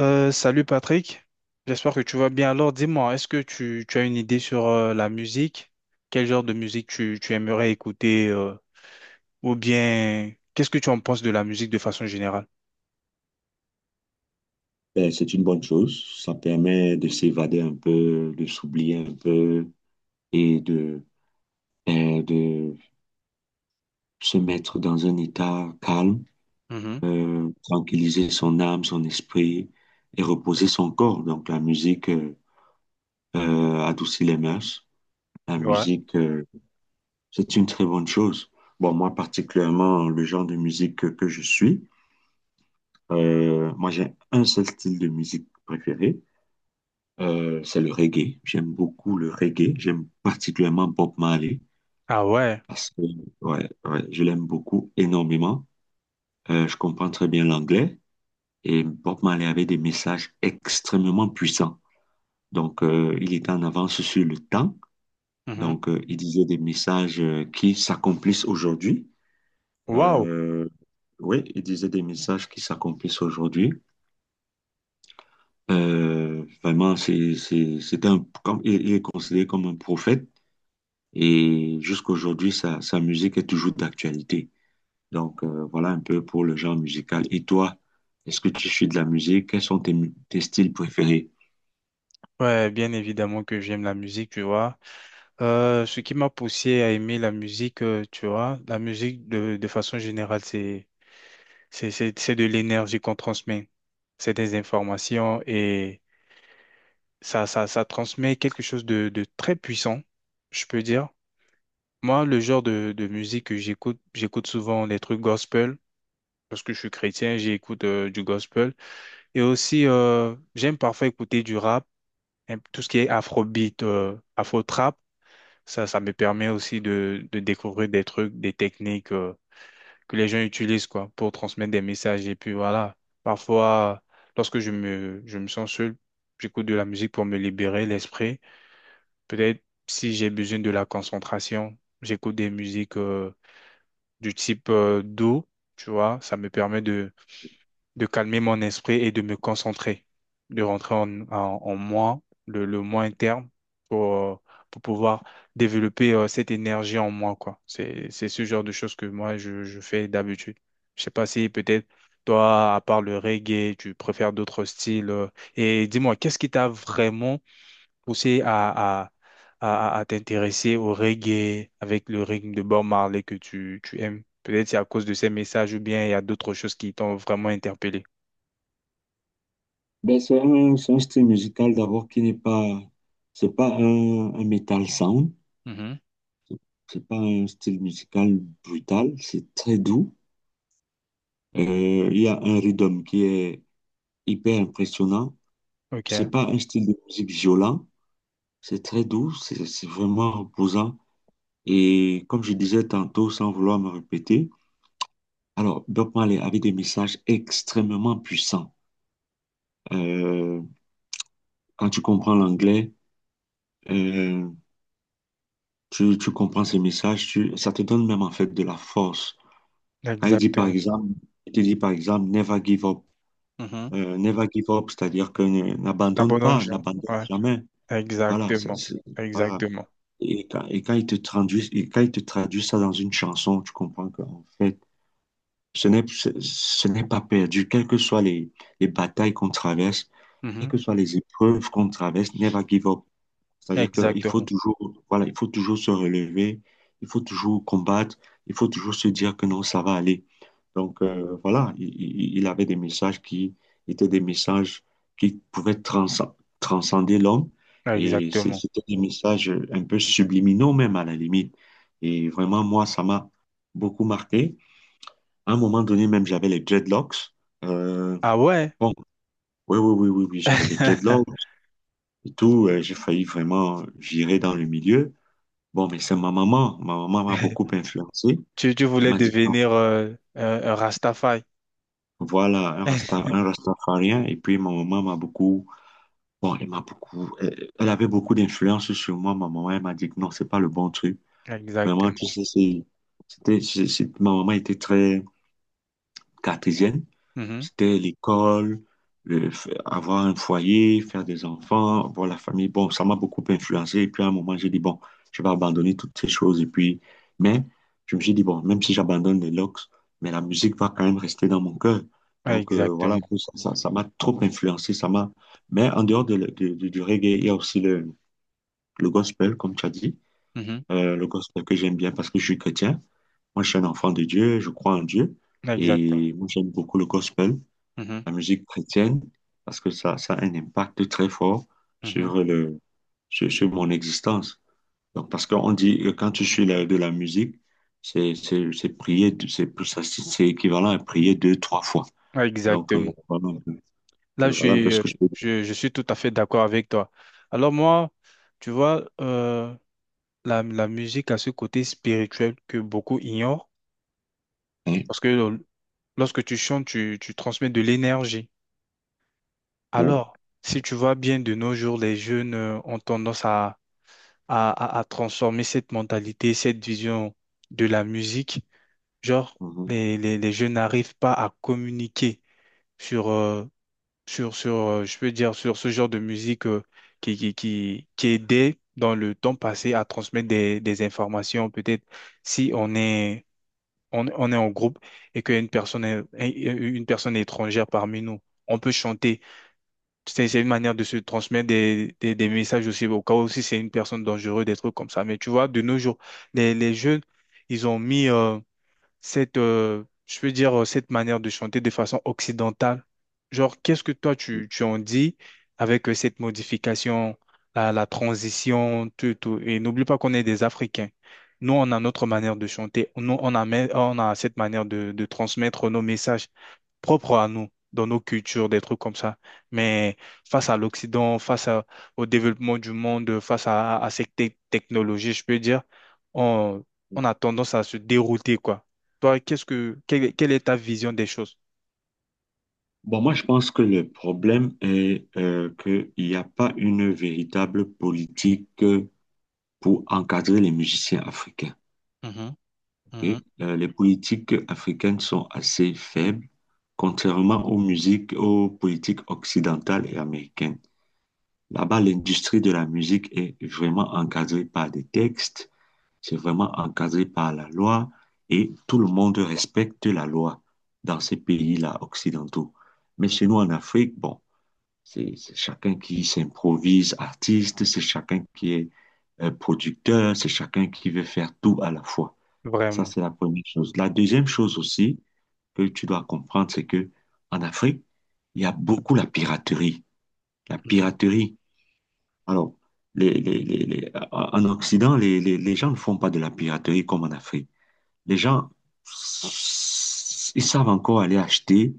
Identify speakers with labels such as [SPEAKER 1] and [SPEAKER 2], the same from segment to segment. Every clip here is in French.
[SPEAKER 1] Salut Patrick, j'espère que tu vas bien. Alors dis-moi, est-ce que tu as une idée sur la musique? Quel genre de musique tu aimerais écouter ou bien qu'est-ce que tu en penses de la musique de façon générale?
[SPEAKER 2] Ben, c'est une bonne chose. Ça permet de s'évader un peu, de s'oublier un peu et de se mettre dans un état calme,
[SPEAKER 1] Mhm.
[SPEAKER 2] tranquilliser son âme, son esprit et reposer son corps. Donc la musique adoucit les mœurs. La
[SPEAKER 1] Ouais.
[SPEAKER 2] musique, euh, c'est une très bonne chose. Bon, moi particulièrement, le genre de musique que je suis, moi j'ai un seul style de musique préféré. C'est le reggae. J'aime beaucoup le reggae. J'aime particulièrement Bob Marley
[SPEAKER 1] Ah ouais.
[SPEAKER 2] parce que ouais, je l'aime beaucoup énormément. Je comprends très bien l'anglais et Bob Marley avait des messages extrêmement puissants. Donc, il était en avance sur le temps.
[SPEAKER 1] Mhm.
[SPEAKER 2] Donc, il disait des messages qui s'accomplissent aujourd'hui.
[SPEAKER 1] Waouh.
[SPEAKER 2] Euh, oui, il disait des messages qui s'accomplissent aujourd'hui. Vraiment, c'était il est considéré comme un prophète. Et jusqu'aujourd'hui, sa musique est toujours d'actualité. Donc, voilà un peu pour le genre musical. Et toi, est-ce que tu suis de la musique? Quels sont tes styles préférés?
[SPEAKER 1] Ouais, bien évidemment que j'aime la musique, tu vois. Ce qui m'a poussé à aimer la musique, tu vois, la musique de façon générale, c'est de l'énergie qu'on transmet. C'est des informations et ça transmet quelque chose de très puissant, je peux dire. Moi, le genre de musique que j'écoute, j'écoute souvent des trucs gospel parce que je suis chrétien, j'écoute du gospel. Et aussi, j'aime parfois écouter du rap, hein, tout ce qui est afrobeat, afro-trap. Ça me permet aussi de découvrir des trucs, des techniques. Que les gens utilisent quoi pour transmettre des messages et puis voilà, parfois lorsque je me sens seul, j'écoute de la musique pour me libérer l'esprit. Peut-être si j'ai besoin de la concentration, j'écoute des musiques du type doux. Tu vois, ça me permet de calmer mon esprit et de me concentrer, de rentrer en moi, le moi interne, pour, euh, pour pouvoir développer cette énergie en moi, quoi. C'est ce genre de choses que moi, je fais d'habitude. Je sais pas si peut-être toi, à part le reggae, tu préfères d'autres styles. Et dis-moi, qu'est-ce qui t'a vraiment poussé à t'intéresser au reggae avec le rythme de Bob Marley que tu aimes? Peut-être c'est à cause de ces messages ou bien il y a d'autres choses qui t'ont vraiment interpellé.
[SPEAKER 2] Ben, c'est un style musical d'abord qui n'est pas, c'est pas un metal sound,
[SPEAKER 1] Mhm.
[SPEAKER 2] c'est pas un style musical brutal, c'est très doux. Il y a un rhythm qui est hyper impressionnant.
[SPEAKER 1] Ok,
[SPEAKER 2] C'est pas un style de musique violent, c'est très doux, c'est vraiment reposant. Et comme je disais tantôt, sans vouloir me répéter, alors Bob Marley avait des messages extrêmement puissants. Euh, Quand tu comprends l'anglais, euh, tu comprends ces messages, ça te donne même en fait de la force. Quand il dit par
[SPEAKER 1] exactement.
[SPEAKER 2] exemple, il te dit par exemple, never give up.
[SPEAKER 1] Mhm.
[SPEAKER 2] Never give up, c'est-à-dire que
[SPEAKER 1] La
[SPEAKER 2] n'abandonne
[SPEAKER 1] bonne
[SPEAKER 2] pas,
[SPEAKER 1] gens.
[SPEAKER 2] n'abandonne
[SPEAKER 1] Ouais,
[SPEAKER 2] jamais. Voilà,
[SPEAKER 1] exactement.
[SPEAKER 2] voilà.
[SPEAKER 1] Exactement.
[SPEAKER 2] Et quand il te traduit, et quand il te traduit ça dans une chanson, tu comprends qu'en fait, ce ce n'est pas perdu, quelles que soient les batailles qu'on traverse, quelles
[SPEAKER 1] Mhm.
[SPEAKER 2] que soient les épreuves qu'on traverse, never give up. C'est-à-dire
[SPEAKER 1] Exactement.
[SPEAKER 2] voilà, il faut toujours se relever, il faut toujours combattre, il faut toujours se dire que non, ça va aller. Donc voilà, il avait des messages qui étaient des messages qui pouvaient transcender l'homme et
[SPEAKER 1] Exactement.
[SPEAKER 2] c'était des messages un peu subliminaux même à la limite. Et vraiment, moi, ça m'a beaucoup marqué. À un moment donné, même, j'avais les dreadlocks. Euh,
[SPEAKER 1] Ah ouais.
[SPEAKER 2] bon, oui, oui, oui, oui, oui, j'avais les dreadlocks et tout. J'ai failli vraiment virer dans le milieu. Bon, mais c'est ma maman. Ma maman m'a beaucoup influencé.
[SPEAKER 1] Tu
[SPEAKER 2] Elle
[SPEAKER 1] voulais
[SPEAKER 2] m'a dit, non,
[SPEAKER 1] devenir un Rastafari.
[SPEAKER 2] voilà, un rasta, un rastafarien. Et puis, ma maman m'a beaucoup, bon, elle avait beaucoup d'influence sur moi. Ma maman, elle m'a dit, que non, c'est pas le bon truc. Vraiment, tu
[SPEAKER 1] Exactement.
[SPEAKER 2] sais, ma maman était très cartésienne.
[SPEAKER 1] Mhm.
[SPEAKER 2] C'était l'école, avoir un foyer, faire des enfants, voir la famille. Bon, ça m'a beaucoup influencé. Et puis à un moment, j'ai dit, bon, je vais abandonner toutes ces choses. Mais je me suis dit, bon, même si j'abandonne les locks, mais la musique va quand même rester dans mon cœur. Donc voilà, un
[SPEAKER 1] Exactement.
[SPEAKER 2] peu ça m'a trop influencé. Ça m'a... Mais en dehors de, le- de- du reggae, il y a aussi le gospel, comme tu as dit.
[SPEAKER 1] Mhm.
[SPEAKER 2] Le gospel que j'aime bien parce que je suis chrétien. Moi, je suis un enfant de Dieu, je crois en Dieu.
[SPEAKER 1] Exactement.
[SPEAKER 2] Et moi, j'aime beaucoup le gospel,
[SPEAKER 1] Mhm,
[SPEAKER 2] la musique chrétienne, parce que ça a un impact très fort
[SPEAKER 1] mhm.
[SPEAKER 2] sur le, sur mon existence. Donc, parce qu'on dit que quand tu suis de la musique, c'est prier, c'est, plus- ça, c'est équivalent à prier deux, trois fois. Donc,
[SPEAKER 1] Exactement. Là,
[SPEAKER 2] voilà un peu ce que je peux dire.
[SPEAKER 1] je suis tout à fait d'accord avec toi. Alors moi, tu vois, la musique a ce côté spirituel que beaucoup ignorent,
[SPEAKER 2] Hein?
[SPEAKER 1] parce que lorsque tu chantes, tu transmets de l'énergie.
[SPEAKER 2] Ouais.
[SPEAKER 1] Alors, si tu vois bien de nos jours, les jeunes ont tendance à, à transformer cette mentalité, cette vision de la musique. Genre,
[SPEAKER 2] Mhm.
[SPEAKER 1] les jeunes n'arrivent pas à communiquer sur, euh, sur je peux dire, sur ce genre de musique qui aidait dans le temps passé à transmettre des informations. Peut-être si on est on est en groupe et qu'une personne, une personne étrangère parmi nous. On peut chanter. C'est une manière de se transmettre des messages aussi, au cas où si c'est une personne dangereuse, des trucs comme ça. Mais tu vois, de nos jours, les jeunes, ils ont mis, cette, je veux dire, cette manière de chanter de façon occidentale. Genre, qu'est-ce que toi, tu en dis avec cette modification, la transition, tout, tout. Et n'oublie pas qu'on est des Africains. Nous, on a notre manière de chanter. Nous, on a, on a cette manière de transmettre nos messages propre à nous, dans nos cultures, des trucs comme ça. Mais face à l'Occident, au développement du monde, face à ces technologies, je peux dire, on, on a tendance à se dérouter, quoi. Toi, qu'est-ce que, quelle, quelle est ta vision des choses?
[SPEAKER 2] Bon, moi, je pense que le problème est qu'il n'y a pas une véritable politique pour encadrer les musiciens africains.
[SPEAKER 1] Mhm,
[SPEAKER 2] Et,
[SPEAKER 1] mhm.
[SPEAKER 2] les politiques africaines sont assez faibles, contrairement aux musiques, aux politiques occidentales et américaines. Là-bas, l'industrie de la musique est vraiment encadrée par des textes, c'est vraiment encadré par la loi et tout le monde respecte la loi dans ces pays-là occidentaux. Mais chez nous en Afrique, bon, c'est chacun qui s'improvise artiste, c'est chacun qui est producteur, c'est chacun qui veut faire tout à la fois. Ça,
[SPEAKER 1] Vraiment.
[SPEAKER 2] c'est la première chose. La deuxième chose aussi que tu dois comprendre, c'est que 'en Afrique, il y a beaucoup la piraterie. La piraterie. Alors, en Occident, les gens ne font pas de la piraterie comme en Afrique. Les gens, ils savent encore aller acheter,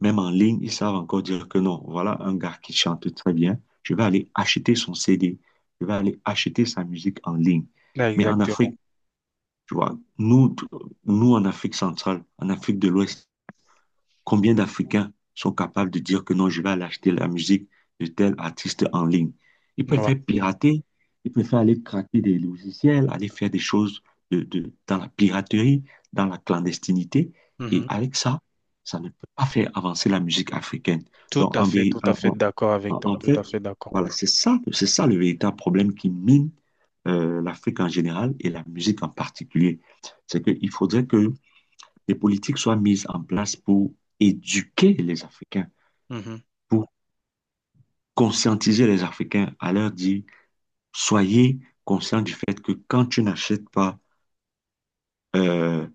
[SPEAKER 2] même en ligne, ils savent encore dire que non, voilà un gars qui chante très bien, je vais aller acheter son CD, je vais aller acheter sa musique en ligne.
[SPEAKER 1] Là,
[SPEAKER 2] Mais en
[SPEAKER 1] exactement.
[SPEAKER 2] Afrique, tu vois, nous, en Afrique centrale, en Afrique de l'Ouest, combien d'Africains sont capables de dire que non, je vais aller acheter la musique de tel artiste en ligne? Ils
[SPEAKER 1] Ouais.
[SPEAKER 2] préfèrent pirater, ils préfèrent aller craquer des logiciels, aller faire des choses dans la piraterie, dans la clandestinité. Et
[SPEAKER 1] Mhm.
[SPEAKER 2] avec ça, ça ne peut pas faire avancer la musique africaine. Donc, en, vé-
[SPEAKER 1] Tout à fait
[SPEAKER 2] en-
[SPEAKER 1] d'accord avec
[SPEAKER 2] en,
[SPEAKER 1] toi,
[SPEAKER 2] en
[SPEAKER 1] tout
[SPEAKER 2] fait,
[SPEAKER 1] à fait d'accord.
[SPEAKER 2] voilà, c'est ça le véritable problème qui mine l'Afrique en général et la musique en particulier. C'est qu'il faudrait que les politiques soient mises en place pour éduquer les Africains,
[SPEAKER 1] Mhm.
[SPEAKER 2] pour conscientiser les Africains, à leur dire, soyez conscients du fait que quand tu n'achètes pas Euh,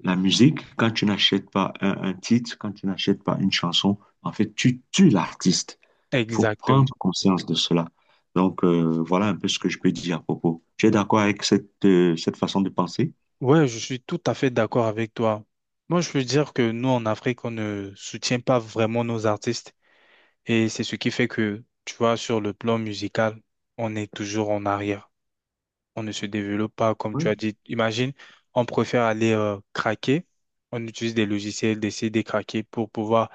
[SPEAKER 2] la musique, quand tu n'achètes pas un titre, quand tu n'achètes pas une chanson, en fait, tu tues l'artiste. Il faut
[SPEAKER 1] Exactement.
[SPEAKER 2] prendre conscience de cela. Donc, voilà un peu ce que je peux dire à propos. Tu es d'accord avec cette façon de penser?
[SPEAKER 1] Ouais, je suis tout à fait d'accord avec toi. Moi, je peux dire que nous, en Afrique, on ne soutient pas vraiment nos artistes. Et c'est ce qui fait que, tu vois, sur le plan musical, on est toujours en arrière. On ne se développe pas, comme tu
[SPEAKER 2] Oui.
[SPEAKER 1] as dit. Imagine, on préfère aller craquer. On utilise des logiciels, des CD craqués pour pouvoir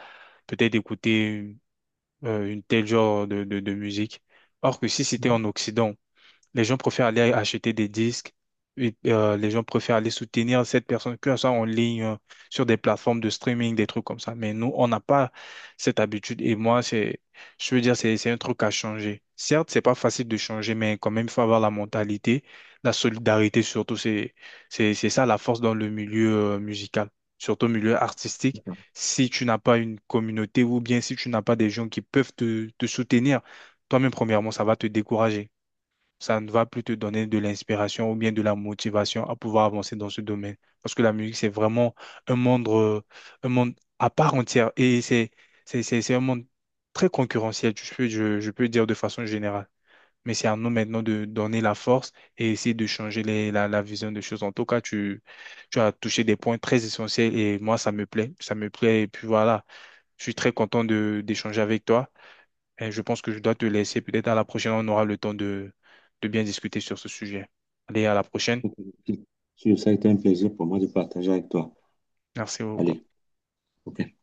[SPEAKER 1] peut-être écouter une telle genre de musique. Or que si c'était
[SPEAKER 2] Oui.
[SPEAKER 1] en Occident, les gens préfèrent aller acheter des disques. Et, les gens préfèrent aller soutenir cette personne, que ça soit en ligne, sur des plateformes de streaming, des trucs comme ça. Mais nous, on n'a pas cette habitude. Et moi, je veux dire, c'est un truc à changer. Certes, c'est pas facile de changer, mais quand même, il faut avoir la mentalité, la solidarité surtout. C'est ça la force dans le milieu musical, surtout au milieu artistique.
[SPEAKER 2] D'accord.
[SPEAKER 1] Si tu n'as pas une communauté ou bien si tu n'as pas des gens qui peuvent te soutenir, toi-même, premièrement, ça va te décourager, ça ne va plus te donner de l'inspiration ou bien de la motivation à pouvoir avancer dans ce domaine. Parce que la musique, c'est vraiment un monde, euh, un monde à part entière et c'est un monde très concurrentiel, je peux dire de façon générale. Mais c'est à nous maintenant de donner la force et essayer de changer la vision des choses. En tout cas, tu as touché des points très essentiels et moi, ça me plaît. Ça me plaît. Et puis voilà, je suis très content de d'échanger avec toi. Et je pense que je dois te laisser. Peut-être à la prochaine, on aura le temps de bien discuter sur ce sujet. Allez, à la prochaine.
[SPEAKER 2] Ok, ok. Ça a été un plaisir pour moi de partager avec toi.
[SPEAKER 1] Merci beaucoup.
[SPEAKER 2] Allez, ok.